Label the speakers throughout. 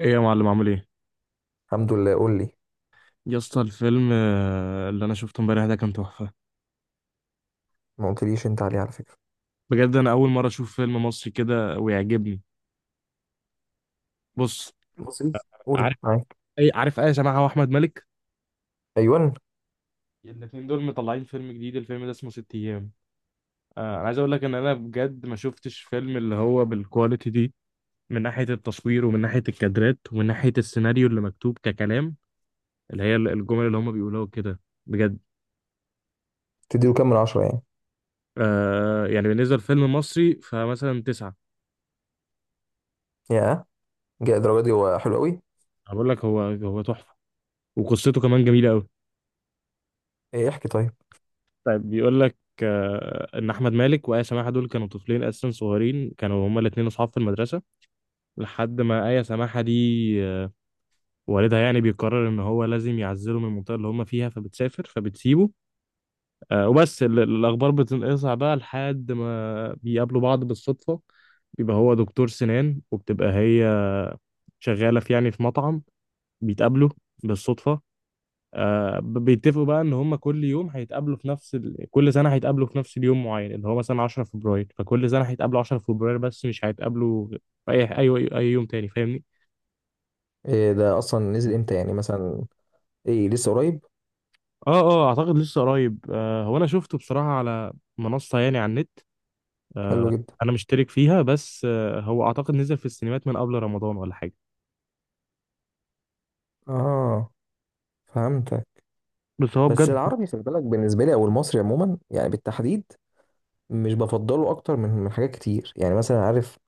Speaker 1: ايه يا معلم عامل ايه؟
Speaker 2: الحمد لله. قول لي.
Speaker 1: يا اسطى الفيلم اللي انا شفته امبارح ده كان تحفه.
Speaker 2: ما قلتليش انت عليه على فكرة.
Speaker 1: بجد انا اول مره اشوف فيلم مصري كده ويعجبني. بص،
Speaker 2: بسيط.
Speaker 1: عارف
Speaker 2: قول معاك.
Speaker 1: اي، عارف اي سماحه واحمد مالك؟
Speaker 2: ايوان.
Speaker 1: الاثنين دول مطلعين فيلم جديد، الفيلم ده اسمه ست ايام. انا عايز اقول لك ان انا بجد ما شفتش فيلم اللي هو بالكواليتي دي، من ناحيه التصوير ومن ناحيه الكادرات ومن ناحيه السيناريو اللي مكتوب ككلام، اللي هي الجمل اللي هم بيقولوها كده. بجد.
Speaker 2: تديله كام من عشرة يعني؟
Speaker 1: آه يعني بالنسبه لفيلم مصري فمثلا تسعة.
Speaker 2: يا جاء الدرجة دي، هو حلو قوي.
Speaker 1: أنا بقول لك هو هو تحفه، وقصته كمان جميله قوي.
Speaker 2: ايه؟ احكي طيب.
Speaker 1: طيب بيقول لك، ان احمد مالك وايه سماحه دول كانوا طفلين اساسا صغيرين، كانوا هما الاثنين اصحاب في المدرسه لحد ما ايه سماحه دي، آه، والدها يعني بيقرر ان هو لازم يعزله من المنطقه اللي هما فيها، فبتسافر فبتسيبه. الاخبار بتنقطع بقى لحد ما بيقابلوا بعض بالصدفه. بيبقى هو دكتور سنان، وبتبقى هي شغاله في، يعني في مطعم. بيتقابلوا بالصدفه. بيتفقوا بقى ان هم كل يوم هيتقابلوا في نفس كل سنه هيتقابلوا في نفس اليوم معين، اللي هو مثلا 10 فبراير، فكل سنه هيتقابلوا 10 فبراير بس مش هيتقابلوا في اي يوم تاني، فاهمني؟
Speaker 2: إيه ده اصلا نزل امتى يعني، مثلا؟ ايه، لسه قريب؟
Speaker 1: اه اه، اعتقد لسه قريب، آه. هو انا شفته بصراحه على منصه، يعني على النت.
Speaker 2: حلو
Speaker 1: آه،
Speaker 2: جدا.
Speaker 1: انا مشترك فيها، بس آه هو اعتقد نزل في السينمات من قبل رمضان ولا حاجه.
Speaker 2: اه، فهمتك.
Speaker 1: بس هو
Speaker 2: بس
Speaker 1: بجد.
Speaker 2: العربي خلي بالك، بالنسبة لي، او المصري عموما يعني بالتحديد، مش بفضله اكتر من حاجات كتير، يعني مثلا، عارف،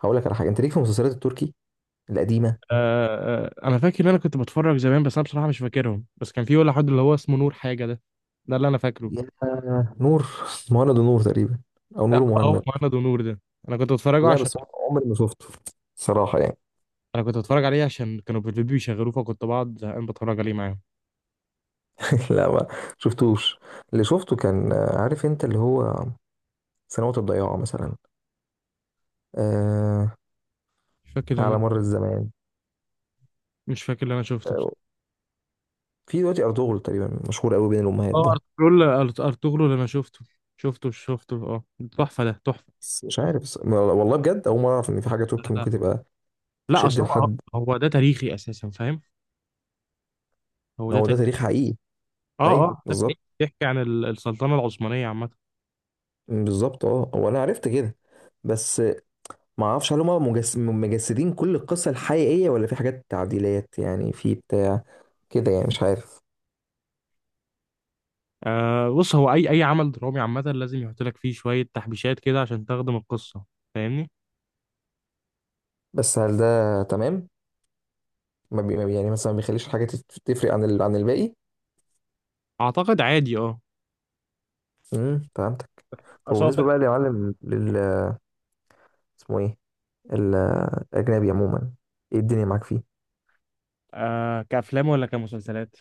Speaker 2: هقول لك على حاجة. انت ليك في المسلسلات التركي القديمة؟
Speaker 1: آه آه، انا فاكر ان انا كنت بتفرج زمان، بس انا بصراحه مش فاكرهم. بس كان في ولا حد اللي هو اسمه نور حاجه ده، ده اللي انا فاكره.
Speaker 2: يا نور مهند ونور تقريبا، او
Speaker 1: لا،
Speaker 2: نور
Speaker 1: هو
Speaker 2: ومهند.
Speaker 1: مهند ونور ده انا كنت بتفرجه
Speaker 2: لا
Speaker 1: عشان،
Speaker 2: بس هو عمري ما شفته صراحة يعني.
Speaker 1: انا كنت بتفرج عليه عشان كانوا في البيبي بيشغلوه، فكنت بقعد زهقان بتفرج عليه معاهم.
Speaker 2: لا، ما شفتوش. اللي شفته كان، عارف انت اللي هو، سنوات الضياع مثلا. آه.
Speaker 1: مش فاكر اللي
Speaker 2: على
Speaker 1: انا
Speaker 2: مر الزمان.
Speaker 1: مش فاكر اللي انا شفته بس.
Speaker 2: آه في دلوقتي أرطغرل تقريبا مشهور قوي بين الأمهات
Speaker 1: اه
Speaker 2: ده.
Speaker 1: ارطغرل. ارطغرل اللي انا شفته اه. تحفه ده، تحفه.
Speaker 2: بس مش عارف والله بجد، أول مرة أعرف إن في حاجة تركي
Speaker 1: لا.
Speaker 2: ممكن تبقى
Speaker 1: لا،
Speaker 2: تشد
Speaker 1: اصل هو،
Speaker 2: لحد.
Speaker 1: هو ده تاريخي اساسا، فاهم؟ هو
Speaker 2: ما
Speaker 1: ده
Speaker 2: هو ده
Speaker 1: تاريخي.
Speaker 2: تاريخ حقيقي.
Speaker 1: اه
Speaker 2: أيوه
Speaker 1: اه، ده
Speaker 2: بالظبط.
Speaker 1: بيحكي عن السلطنه العثمانيه عامه.
Speaker 2: بالظبط، هو أنا عرفت كده. بس ما أعرفش هل هم مجسدين كل القصة الحقيقية، ولا في حاجات تعديلات يعني، في بتاع كده يعني، مش عارف.
Speaker 1: آه بص، هو اي اي عمل درامي عامه لازم يحط لك فيه شويه تحبيشات كده عشان تخدم القصه، فاهمني؟
Speaker 2: بس هل ده تمام؟ ما بي... ما بي- يعني مثلا ما بيخليش حاجه تفرق عن عن الباقي.
Speaker 1: اعتقد عادي، اه.
Speaker 2: فهمتك. طب
Speaker 1: اصل هو
Speaker 2: بالنسبه
Speaker 1: في،
Speaker 2: بقى يا معلم اسمه ايه ال- الاجنبي عموما؟ ايه الدنيا معاك فيه؟
Speaker 1: آه، كأفلام ولا كمسلسلات؟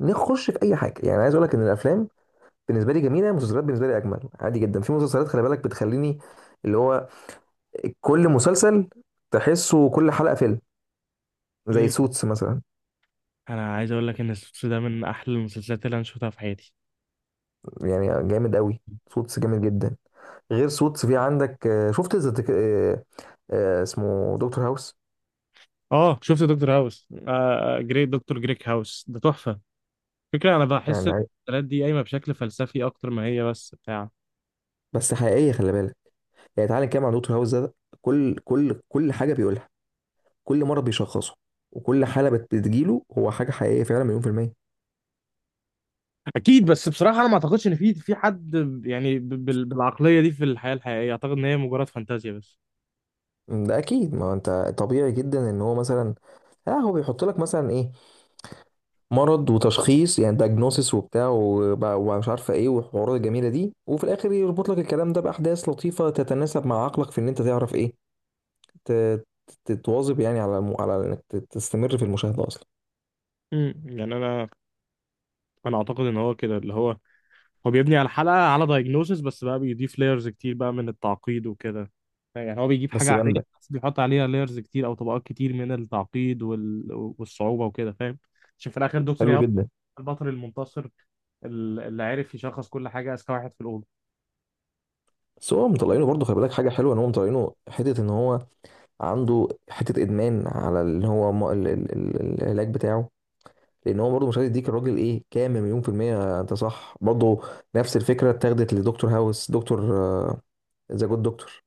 Speaker 2: نخش في اي حاجه يعني. عايز اقول لك ان الافلام بالنسبه لي جميله، المسلسلات بالنسبه لي اجمل. عادي جدا في مسلسلات خلي بالك بتخليني، اللي هو كل مسلسل تحسه كل حلقه فيلم، زي
Speaker 1: مم.
Speaker 2: سوتس مثلا.
Speaker 1: انا عايز اقول لك ان السوتس ده من احلى المسلسلات اللي انا شفتها في حياتي.
Speaker 2: يعني جامد قوي. سوتس جامد جدا. غير سوتس في عندك، شفت ذا تك- آه، آه، اسمه دكتور هاوس.
Speaker 1: اه شفت دكتور هاوس، آه جريت دكتور جريك هاوس ده تحفة. فكرة، انا بحس
Speaker 2: يعني
Speaker 1: المسلسلات دي قايمة بشكل فلسفي اكتر ما هي بس بتاع.
Speaker 2: بس حقيقيه خلي بالك. يعني تعالى نتكلم عن دكتور هاوس ده. كل حاجه بيقولها، كل مرض بيشخصه، وكل حاله بتجيله، هو حاجه حقيقيه فعلا، مليون في الميه.
Speaker 1: اكيد، بس بصراحه انا ما اعتقدش ان في حد، يعني بالعقلية دي في الحياة الحقيقية، اعتقد ان هي مجرد فانتازيا بس.
Speaker 2: ده اكيد. ما هو انت طبيعي جدا ان هو مثلا، اه، هو بيحط لك مثلا ايه، مرض وتشخيص يعني دايجنوسيس وبتاع ومش عارفه ايه، والحوارات الجميله دي، وفي الاخر يربط لك الكلام ده باحداث لطيفه تتناسب مع عقلك في ان انت تعرف ايه، ت- تتواظب يعني على على انك تستمر في المشاهده اصلا.
Speaker 1: مم. يعني انا اعتقد ان هو كده، اللي هو، هو بيبني على الحلقة على دايجنوسيس، بس بقى بيضيف لايرز كتير بقى من التعقيد وكده. يعني هو بيجيب حاجة
Speaker 2: بس
Speaker 1: عادية
Speaker 2: جامده.
Speaker 1: بس بيحط عليها لايرز كتير أو طبقات كتير من التعقيد والصعوبة وكده، فاهم؟ عشان في الآخر دكتور
Speaker 2: حلو
Speaker 1: ياهو
Speaker 2: جدا.
Speaker 1: البطل المنتصر، اللي عرف يشخص كل حاجة، أذكى واحد في الأوضة.
Speaker 2: بس هو مطلعينه برضه خلي بالك، حاجه حلوه ان هو مطلعينه، حته ان هو عنده حته ادمان على اللي هو العلاج بتاعه. لان هو برضه مش عايز يديك الراجل، ايه، كام مليون في الميه، انت صح برضه. نفس الفكره اتاخدت لدكتور هاوس، دكتور ذا جود دكتور.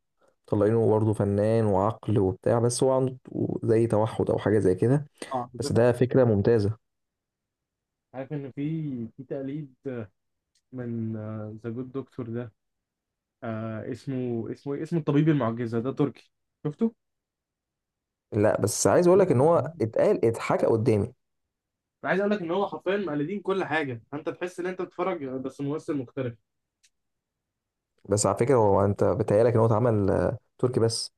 Speaker 2: مطلعينه برضه فنان وعقل وبتاع، بس هو عنده زي توحد او حاجه زي كده.
Speaker 1: اه
Speaker 2: بس
Speaker 1: بالظبط.
Speaker 2: ده فكره ممتازه.
Speaker 1: عارف إن في، في تقليد من ذا جود دكتور ده. آه، اسمه إيه؟ اسمه الطبيب المعجزة ده تركي. شفته؟
Speaker 2: لا، بس عايز اقول لك ان
Speaker 1: أنا
Speaker 2: هو اتقال اتحكى قدامي.
Speaker 1: عايز اقول لك ان هو حرفيا مقلدين كل حاجه، انت تحس ان انت بتتفرج بس ممثل مختلف.
Speaker 2: بس على فكره، هو انت بتهيألك ان هو اتعمل تركي بس؟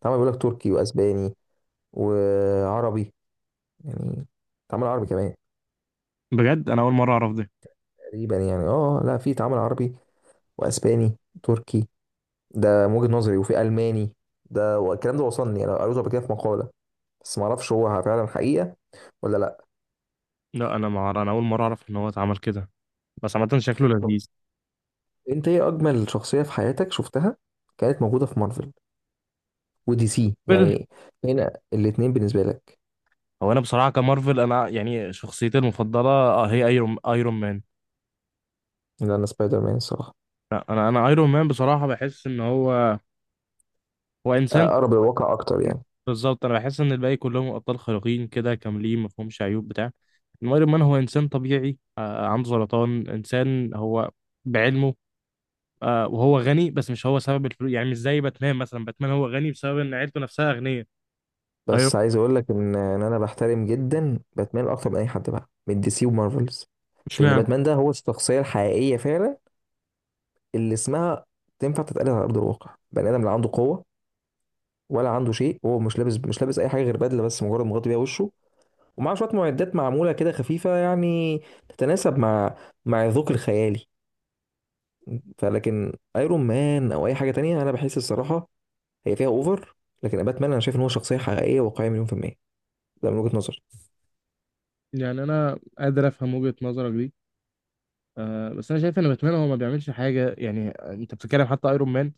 Speaker 2: اتعمل، بيقول لك، تركي واسباني وعربي يعني، اتعمل عربي كمان
Speaker 1: بجد انا اول مره اعرف ده.
Speaker 2: تقريبا يعني. اه لا، في اتعمل عربي واسباني تركي، ده من وجهة نظري، وفي الماني. ده والكلام ده وصلني يعني، انا قريته قبل كده في مقالة. بس ما اعرفش هو فعلا حقيقة ولا لا.
Speaker 1: لا انا مع... انا اول مره اعرف ان هو اتعمل كده. بس عامه شكله
Speaker 2: طب
Speaker 1: لذيذ.
Speaker 2: انت ايه اجمل شخصية في حياتك شفتها، كانت موجودة في مارفل ودي سي
Speaker 1: مارفل.
Speaker 2: يعني، هنا الاتنين بالنسبة لك؟
Speaker 1: هو انا بصراحه كمارفل، انا يعني شخصيتي المفضله آه هي ايرون مان.
Speaker 2: لان سبايدر مان الصراحة
Speaker 1: لا انا ايرون مان بصراحه، بحس ان هو، هو انسان.
Speaker 2: اقرب الواقع اكتر يعني.
Speaker 1: بالظبط، انا بحس ان الباقي كلهم ابطال خارقين كده كاملين، ما فيهمش عيوب بتاع. إنما ايرون مان هو انسان طبيعي، آه عنده سرطان، انسان هو بعلمه. آه وهو غني، بس مش هو سبب الفلوس. يعني مش زي باتمان مثلا، باتمان هو غني بسبب ان عيلته نفسها اغنياء. ايوه.
Speaker 2: بس عايز اقول لك ان انا بحترم جدا باتمان اكتر من اي حد بقى من دي سي ومارفلز.
Speaker 1: مش
Speaker 2: لان
Speaker 1: معنى،
Speaker 2: باتمان ده هو الشخصيه الحقيقيه فعلا، اللي اسمها تنفع تتقال على ارض الواقع. بني ادم، لا عنده قوه ولا عنده شيء، هو مش لابس اي حاجه غير بدله بس، مجرد مغطي بيها وشه، ومعاه شويه معدات معموله كده خفيفه يعني، تتناسب مع الذوق الخيالي. فلكن ايرون مان او اي حاجه تانية، انا بحس الصراحه هي فيها اوفر. لكن باتمان انا شايف ان هو شخصيه حقيقيه واقعيه مليون في الميه. ده من وجهه نظري.
Speaker 1: يعني انا قادر افهم وجهة نظرك دي، آه. بس انا شايف ان باتمان هو ما بيعملش حاجه. يعني انت بتتكلم، حتى ايرون مان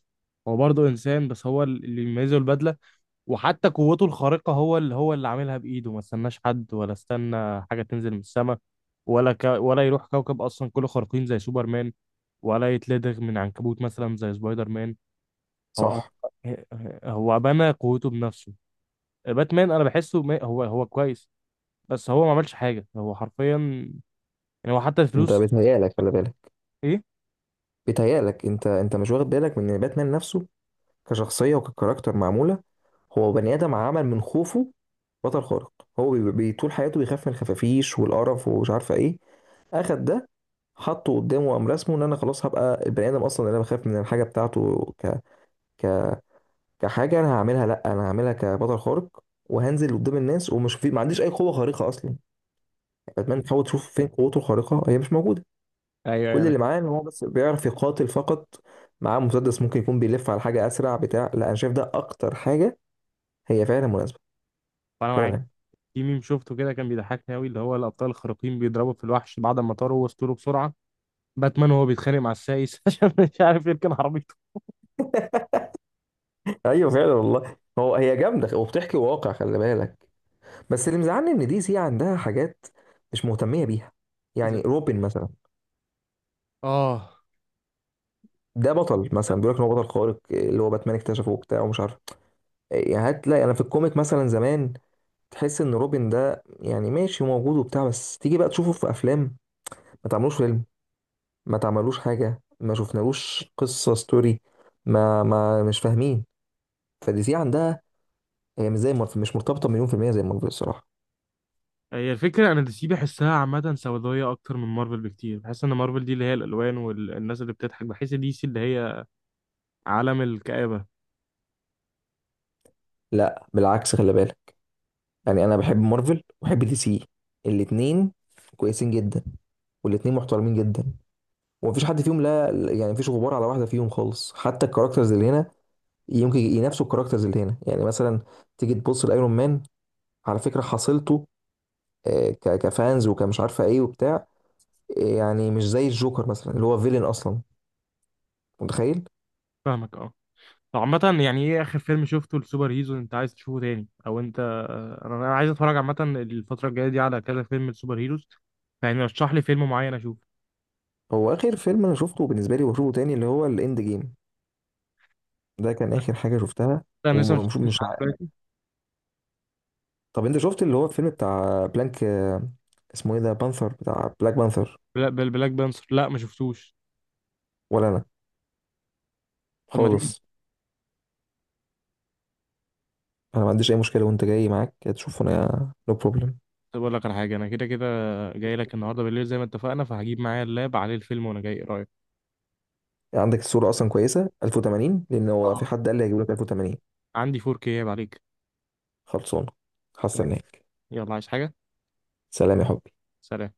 Speaker 1: هو برضه انسان، بس هو اللي يميزه البدله. وحتى قوته الخارقه هو اللي، هو اللي عاملها بايده، ما استناش حد ولا استنى حاجه تنزل من السماء. ولا يروح كوكب اصلا كله خارقين زي سوبرمان، ولا يتلدغ من عنكبوت مثلا زي سبايدر مان. هو هو،
Speaker 2: صح.
Speaker 1: هو بنى قوته بنفسه. باتمان انا بحسه هو هو كويس، بس هو ما عملش حاجه، هو حرفيا، يعني هو حتى
Speaker 2: انت
Speaker 1: الفلوس.
Speaker 2: بيتهيألك خلي بالك،
Speaker 1: ايه؟
Speaker 2: بيتهيألك انت مش واخد بالك من ان باتمان نفسه كشخصية وككاركتر معمولة. هو بني آدم عمل من خوفه بطل خارق. هو طول حياته بيخاف من الخفافيش والقرف ومش عارفة ايه، اخد ده، حطه قدامه، وقام رسمه ان، انا خلاص هبقى البني ادم اصلا اللي انا بخاف من الحاجه بتاعته، ك... كحاجه انا هعملها. لا، انا هعملها كبطل خارق، وهنزل قدام الناس، ومش في ما عنديش اي قوه خارقه اصلا. باتمان تحاول تشوف فين قوته الخارقه، هي مش موجوده.
Speaker 1: ايوه،
Speaker 2: كل
Speaker 1: ايوه،
Speaker 2: اللي معاه ان هو بس بيعرف يقاتل فقط، معاه مسدس، ممكن يكون بيلف على حاجه اسرع بتاع. لا، انا شايف ده اكتر حاجه هي فعلا مناسبه
Speaker 1: انا معاك.
Speaker 2: فعلا.
Speaker 1: في ميم شفته كده كان بيضحكني قوي، اللي هو الابطال الخارقين بيضربوا في الوحش بعد ما طاروا وسطوله بسرعه، باتمان وهو بيتخانق مع السايس عشان مش عارف يركن عربيته.
Speaker 2: ايوه فعلا والله. هو، هي جامده وبتحكي واقع خلي بالك. بس اللي مزعلني ان دي سي عندها حاجات مش مهتميه بيها،
Speaker 1: ز-
Speaker 2: يعني روبن مثلا.
Speaker 1: اه،
Speaker 2: ده بطل، مثلا بيقول لك ان هو بطل خارق اللي هو باتمان اكتشفه وبتاع ومش عارف. يعني هتلاقي انا في الكوميك مثلا زمان تحس ان روبن ده يعني ماشي موجود وبتاع، بس تيجي بقى تشوفه في افلام، ما تعملوش فيلم، ما تعملوش حاجة، ما شفنالوش قصة ستوري، ما مش فاهمين. فدي سي عندها، هي مش زي مارفل، مش مرتبطة مليون في المية زي مارفل الصراحة.
Speaker 1: هي الفكره، انا دي سي بحسها عامه سوداويه اكتر من مارفل بكتير. بحس ان مارفل دي اللي هي الالوان والناس اللي بتضحك، بحس دي سي اللي هي عالم الكآبه.
Speaker 2: لا، بالعكس خلي بالك. يعني أنا بحب مارفل وبحب دي سي الاتنين، كويسين جدا، والاتنين محترمين جدا، ومفيش حد فيهم، لا يعني مفيش غبار على واحدة فيهم خالص. حتى الكاركترز اللي هنا يمكن ينافسوا الكاركترز اللي هنا، يعني مثلا تيجي تبص لايرون مان على فكرة حصيلته كفانز وكمش عارفة ايه وبتاع، يعني مش زي الجوكر مثلا اللي هو فيلن اصلا، متخيل.
Speaker 1: فاهمك، اه. طب عامة، يعني ايه اخر فيلم شفته لسوبر هيرو انت عايز تشوفه تاني، او انت، انا عايز اتفرج عامة الفترة الجاية دي على كذا فيلم لسوبر هيروز. يعني رشح لي فيلم معين اشوفه.
Speaker 2: هو اخر فيلم انا شفته بالنسبه لي وبشوفه تاني اللي هو الاند جيم، ده كان اخر حاجه شفتها.
Speaker 1: لا انا لسه ما
Speaker 2: ومش
Speaker 1: شفتوش
Speaker 2: مش
Speaker 1: لحد
Speaker 2: عارف.
Speaker 1: دلوقتي.
Speaker 2: طب انت شفت اللي هو الفيلم بتاع بلانك، اسمه ايه ده، بانثر بتاع بلاك بانثر؟
Speaker 1: بلاك بانثر لا ما شفتوش.
Speaker 2: ولا انا
Speaker 1: طب ما تيجي.
Speaker 2: خالص. انا ما عنديش اي مشكله، وانت جاي معاك تشوفه، انا نو بروبلم.
Speaker 1: طب اقول لك على حاجه، انا كده كده جاي لك النهارده بالليل زي ما اتفقنا، فهجيب معايا اللاب عليه الفيلم وانا جاي، ايه رايك؟
Speaker 2: عندك الصوره اصلا كويسه 1080؟ لان هو في
Speaker 1: آه.
Speaker 2: حد قال لي هيجيب لك 1080.
Speaker 1: عندي 4K عيب عليك.
Speaker 2: خلصانه.
Speaker 1: طيب.
Speaker 2: هستناك.
Speaker 1: يلا، عايز حاجه؟
Speaker 2: سلام يا حبي.
Speaker 1: سلام.